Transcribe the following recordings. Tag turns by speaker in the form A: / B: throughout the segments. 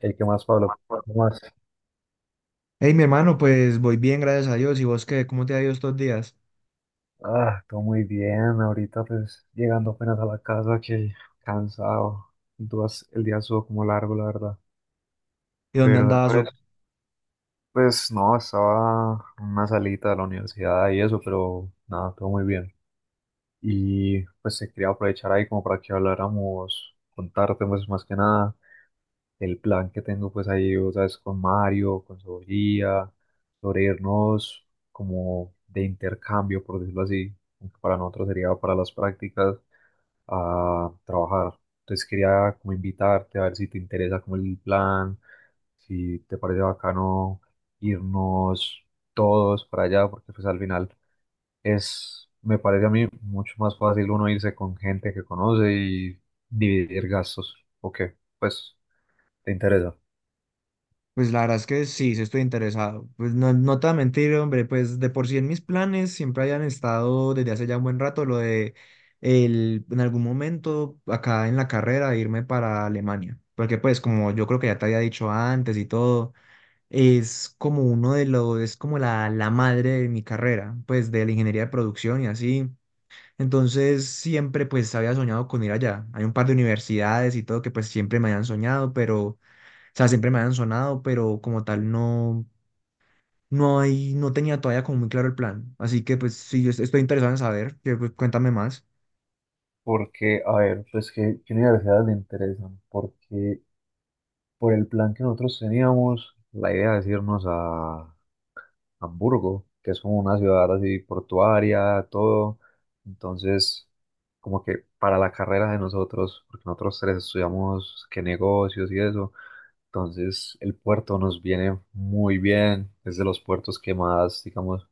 A: ¿El que más, Pablo? ¿Cómo vas?
B: Hey, mi hermano, pues voy bien, gracias a Dios. ¿Y vos qué? ¿Cómo te ha ido estos días?
A: Ah, todo muy bien. Ahorita pues llegando apenas a la casa que cansado. Entonces el día estuvo como largo, la verdad.
B: ¿Y dónde
A: Pero
B: andabas?
A: después, pues no, estaba en una salita de la universidad y eso, pero nada, todo muy bien. Y pues se quería aprovechar ahí como para que habláramos, contarte pues más que nada el plan que tengo pues ahí, o sabes, con Mario, con Sofía, sobre irnos como de intercambio, por decirlo así, aunque para nosotros sería para las prácticas, a trabajar. Entonces quería como invitarte a ver si te interesa como el plan, si te parece bacano irnos todos para allá, porque pues al final es, me parece a mí mucho más fácil uno irse con gente que conoce y dividir gastos. Ok, pues te interesa.
B: Pues la verdad es que sí, sí estoy interesado. Pues no, no te voy a mentir, hombre, pues de por sí en mis planes siempre hayan estado desde hace ya un buen rato lo de en algún momento acá en la carrera irme para Alemania. Porque pues como yo creo que ya te había dicho antes y todo, es como uno es como la madre de mi carrera, pues de la ingeniería de producción y así. Entonces siempre pues había soñado con ir allá. Hay un par de universidades y todo que pues siempre me habían soñado, pero, o sea, siempre me habían sonado, pero como tal no, no tenía todavía como muy claro el plan. Así que pues sí, yo estoy interesado en saber, que, pues, cuéntame más.
A: Porque, a ver, pues qué universidades le interesan, porque por el plan que nosotros teníamos, la idea es irnos a Hamburgo, que es como una ciudad así portuaria, todo. Entonces, como que para la carrera de nosotros, porque nosotros tres estudiamos qué negocios y eso, entonces el puerto nos viene muy bien, es de los puertos que más, digamos,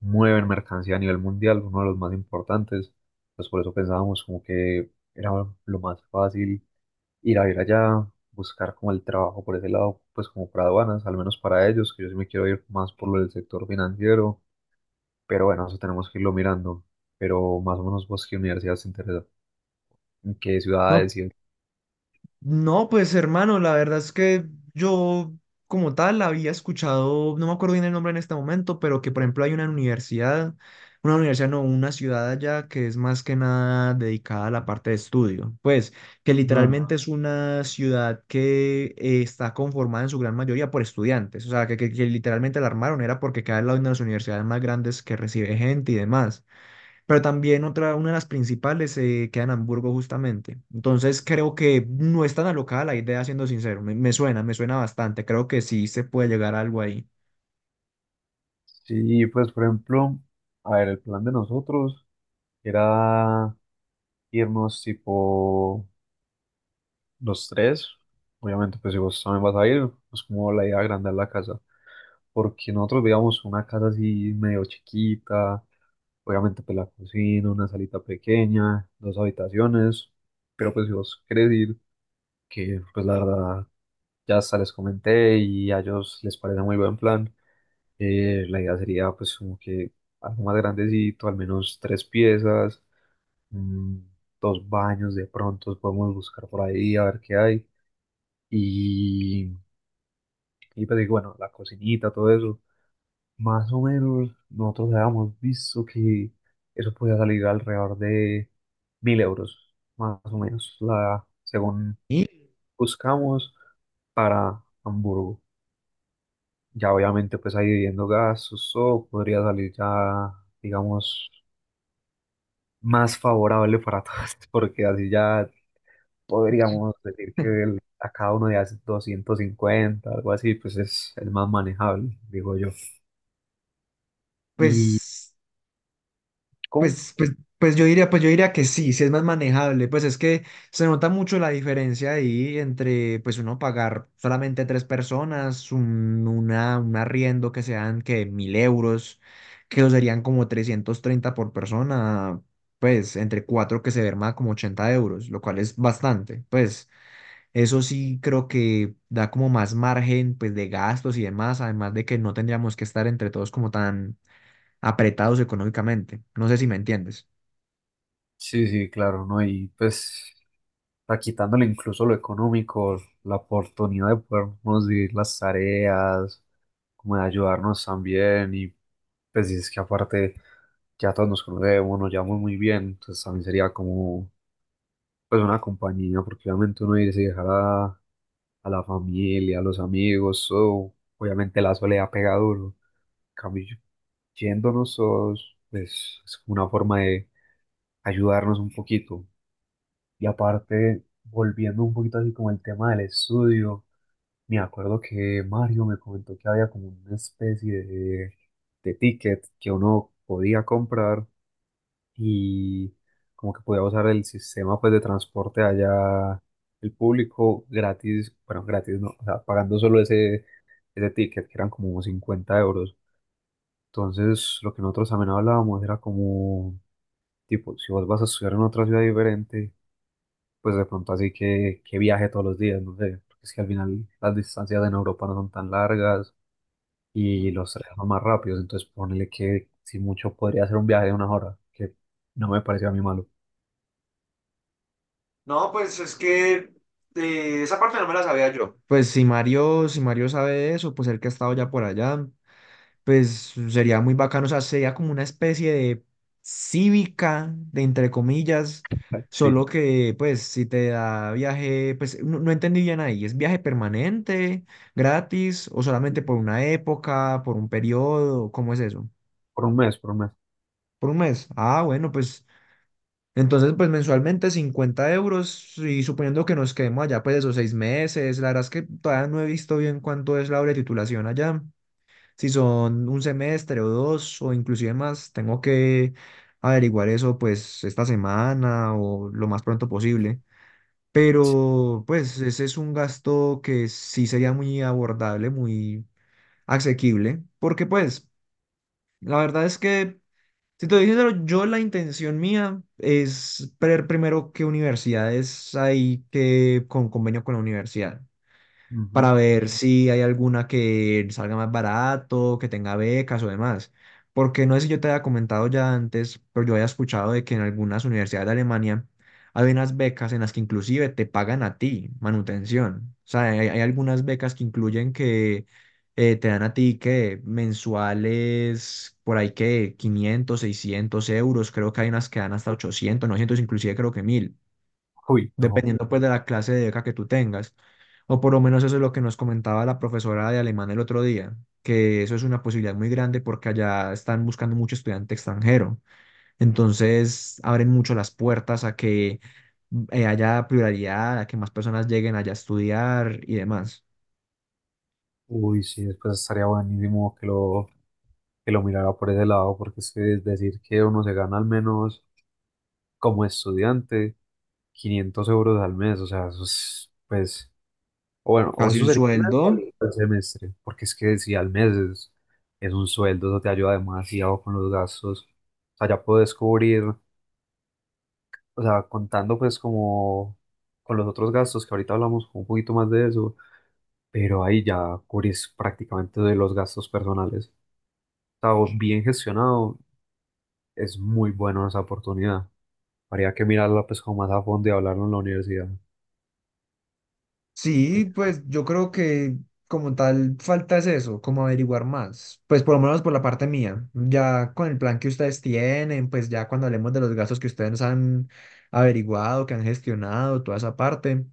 A: mueven mercancía a nivel mundial, uno de los más importantes. Pues por eso pensábamos como que era lo más fácil ir a ver allá, buscar como el trabajo por ese lado, pues como para aduanas, al menos para ellos, que yo sí me quiero ir más por lo del sector financiero, pero bueno, eso tenemos que irlo mirando. Pero más o menos vos qué universidad te interesa, en qué
B: No,
A: ciudades
B: No, pues hermano, la verdad es que yo como tal había escuchado, no me acuerdo bien el nombre en este momento, pero que por ejemplo hay una universidad no, una ciudad allá que es más que nada dedicada a la parte de estudio, pues que
A: Ah,
B: literalmente es una ciudad que está conformada en su gran mayoría por estudiantes, o sea, que literalmente la armaron era porque cada una de las universidades más grandes que recibe gente y demás. Pero también otra, una de las principales se queda en Hamburgo justamente. Entonces creo que no es tan alocada la idea, siendo sincero. Me suena bastante. Creo que sí se puede llegar a algo ahí.
A: sí, pues por ejemplo, a ver, el plan de nosotros era irnos tipo los tres, obviamente, pues si vos también vas a ir, pues como la idea de agrandar la casa, porque nosotros veíamos una casa así medio chiquita, obviamente pues la cocina, una salita pequeña, dos habitaciones, pero pues si vos querés ir, que pues la verdad ya hasta les comenté y a ellos les parece muy buen plan, la idea sería pues como que algo más grandecito, al menos tres piezas, mm, dos baños de pronto, podemos buscar por ahí a ver qué hay. Y Y pues digo, bueno, la cocinita, todo eso. Más o menos nosotros habíamos visto que eso podía salir alrededor de 1.000 euros, más o menos, la, según
B: Y
A: buscamos para Hamburgo. Ya obviamente pues ahí viviendo gastos, todo podría salir ya, digamos, más favorable para todos, porque así ya podríamos decir que el- a cada uno de hace 250 algo así, pues es, el más manejable, digo yo. Y
B: pues
A: con
B: Pues, pues, pues yo diría que sí, sí es más manejable. Pues es que se nota mucho la diferencia ahí entre pues uno pagar solamente tres personas, un arriendo que sean que 1000 euros, que eso serían como 330 por persona, pues entre cuatro que se verma como 80 euros, lo cual es bastante. Pues eso sí creo que da como más margen pues de gastos y demás, además de que no tendríamos que estar entre todos como tan apretados económicamente. No sé si me entiendes.
A: sí, sí, claro, ¿no? Y pues, a quitándole incluso lo económico, la oportunidad de podernos dividir las tareas, como de ayudarnos también, y pues, y es que aparte ya todos nos conocemos, nos llevamos muy bien, entonces también sería como, pues, una compañía, porque obviamente uno irse y dejar a la familia, a los amigos, o obviamente la soledad pega duro, en cambio, yéndonos todos, pues, es como una forma de ayudarnos un poquito. Y aparte, volviendo un poquito así como el tema del estudio, me acuerdo que Mario me comentó que había como una especie de ticket que uno podía comprar y como que podía usar el sistema pues de transporte allá, el público gratis, bueno, gratis no, o sea, pagando solo ese ticket que eran como 50 euros. Entonces, lo que nosotros también hablábamos era como, tipo, si vos vas a estudiar en otra ciudad diferente pues de pronto así que viaje todos los días, no sé, porque es que al final las distancias en Europa no son tan largas y
B: Mm.
A: los trenes son más rápidos, entonces ponele que si mucho podría ser un viaje de una hora, que no me pareció a mí malo.
B: No, pues es que esa parte no me la sabía yo. Pues si Mario, si Mario sabe de eso, pues el que ha estado ya por allá, pues sería muy bacano, o sea, sería como una especie de cívica, de entre comillas,
A: Sí,
B: solo que pues si te da viaje, pues no, no entendí bien ahí, ¿es viaje permanente, gratis o solamente por una época, por un periodo? ¿Cómo es eso?
A: por un mes, por un mes.
B: ¿Por un mes? Ah, bueno, pues entonces, pues mensualmente 50 euros y suponiendo que nos quedemos allá pues esos 6 meses, la verdad es que todavía no he visto bien cuánto es la hora de titulación allá, si son un semestre o dos o inclusive más, tengo que averiguar eso pues esta semana o lo más pronto posible. Pero pues ese es un gasto que sí sería muy abordable, muy asequible, porque pues... La verdad es que, si te dije, yo la intención mía es ver primero qué universidades hay que con convenio con la universidad
A: Ujú.
B: para ver si hay alguna que salga más barato, que tenga becas o demás. Porque no sé si yo te había comentado ya antes, pero yo había escuchado de que en algunas universidades de Alemania hay unas becas en las que inclusive te pagan a ti manutención. O sea, hay algunas becas que incluyen que te dan a ti que mensuales, por ahí que 500, 600 euros, creo que hay unas que dan hasta 800, 900 inclusive creo que 1000
A: Uy, no, pero-
B: dependiendo pues de la clase de beca que tú tengas. O por lo menos eso es lo que nos comentaba la profesora de alemán el otro día, que eso es una posibilidad muy grande porque allá están buscando mucho estudiante extranjero. Entonces abren mucho las puertas a que haya pluralidad, a que más personas lleguen allá a estudiar y demás.
A: Uy, sí, después estaría buenísimo que lo mirara por ese lado, porque es que es decir que uno se gana al menos como estudiante 500 euros al mes, o sea, eso es, pues o bueno, o
B: Casi
A: eso
B: un
A: sería un
B: sueldo.
A: sueldo al semestre, porque es que si al mes es un sueldo, eso te ayuda demasiado con los gastos. O sea, ya puedes cubrir, o sea, contando pues como con los otros gastos, que ahorita hablamos un poquito más de eso, pero ahí ya cubrís prácticamente de los gastos personales. O sea, vos bien gestionado, es muy bueno esa oportunidad. Habría que mirarla pues como más a fondo y hablarlo en la universidad.
B: Sí, pues yo creo que como tal falta es eso, como averiguar más, pues por lo menos por la parte mía, ya con el plan que ustedes tienen, pues ya cuando hablemos de los gastos que ustedes han averiguado, que han gestionado, toda esa parte,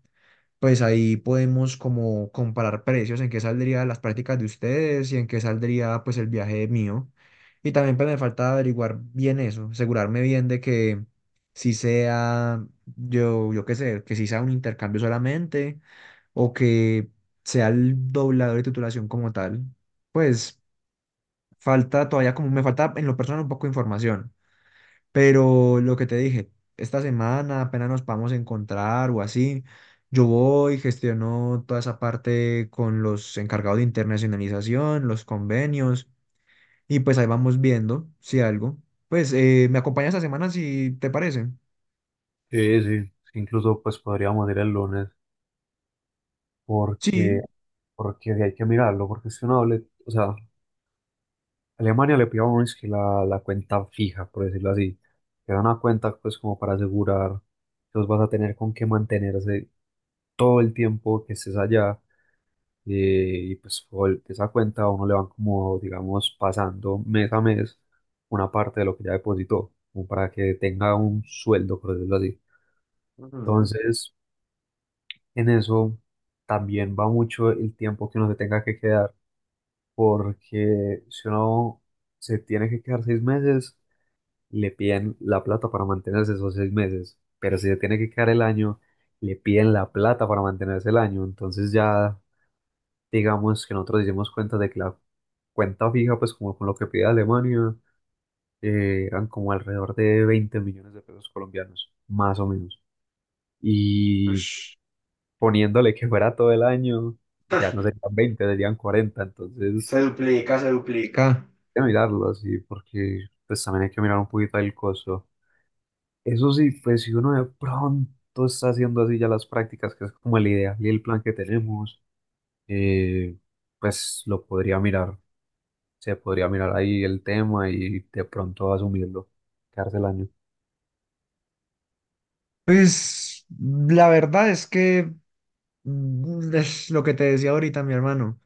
B: pues ahí podemos como comparar precios, en qué saldría las prácticas de ustedes y en qué saldría pues el viaje mío. Y también pues me falta averiguar bien eso, asegurarme bien de que si sea, yo qué sé, que si sea un intercambio solamente o que sea el doblador de titulación como tal. Pues falta todavía, como me falta en lo personal un poco de información, pero lo que te dije, esta semana apenas nos podamos encontrar o así, yo voy, gestiono toda esa parte con los encargados de internacionalización, los convenios, y pues ahí vamos viendo si algo. Pues me acompañas esta semana si te parece.
A: Sí, sí, incluso pues podríamos ir el lunes,
B: Sí.
A: porque, porque de ahí hay que mirarlo, porque si uno le, o sea, Alemania le pide a uno es que la cuenta fija, por decirlo así, que da una cuenta pues como para asegurar que vos vas a tener con qué mantenerse todo el tiempo que estés allá, eh, y pues por esa cuenta a uno le van como, digamos, pasando mes a mes una parte de lo que ya depositó, como para que tenga un sueldo, por decirlo así.
B: Ujú.
A: Entonces, en eso también va mucho el tiempo que uno se tenga que quedar porque si uno se tiene que quedar 6 meses, le piden la plata para mantenerse esos 6 meses, pero si se tiene que quedar el año, le piden la plata para mantenerse el año, entonces ya digamos que nosotros hicimos cuenta de que la cuenta fija, pues como con lo que pide Alemania, eran como alrededor de 20 millones de pesos colombianos, más o menos, y
B: Ush,
A: poniéndole que fuera todo el año, ya no serían 20 serían 40 entonces...
B: se duplica, se duplica.
A: Que mirarlo así, porque pues también hay que mirar un poquito el costo. Eso sí, pues si uno de pronto está haciendo así ya las prácticas, que es como la idea y el plan que tenemos, eh, pues lo podría mirar, se podría mirar ahí el tema y de pronto asumirlo, quedarse el año.
B: Pues la verdad es que mm, es lo que te decía ahorita, mi hermano.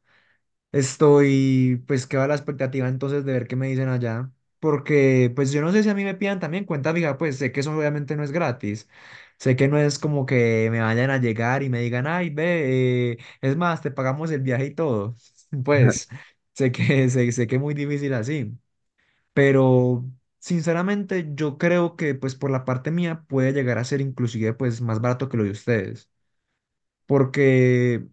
B: Estoy, pues, que va la expectativa entonces de ver qué me dicen allá. Porque, pues, yo no sé si a mí me pidan también cuenta fija, pues sé que eso obviamente no es gratis. Sé que no es como que me vayan a llegar y me digan, ay, ve, es más, te pagamos el viaje y todo. Pues, sé que, sé que es muy difícil así, pero sinceramente yo creo que pues por la parte mía puede llegar a ser inclusive pues más barato que lo de ustedes, porque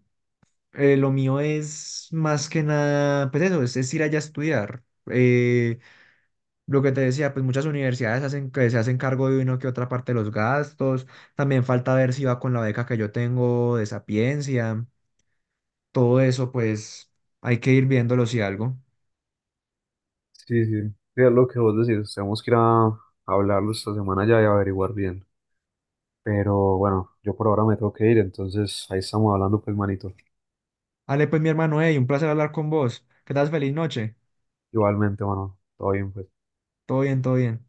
B: lo mío es más que nada, pues eso, es ir allá a estudiar. Eh, lo que te decía, pues muchas universidades hacen que se hacen cargo de uno que otra parte de los gastos, también falta ver si va con la beca que yo tengo de Sapiencia, todo eso pues hay que ir viéndolo si algo.
A: Sí, sí, sí, es lo que vos decís, tenemos que ir a hablarlo esta semana ya y averiguar bien. Pero bueno, yo por ahora me tengo que ir, entonces ahí estamos hablando pues manito.
B: Ale, pues mi hermano, hey, un placer hablar con vos. Que estás feliz noche.
A: Igualmente, bueno, todo bien pues.
B: Todo bien, todo bien.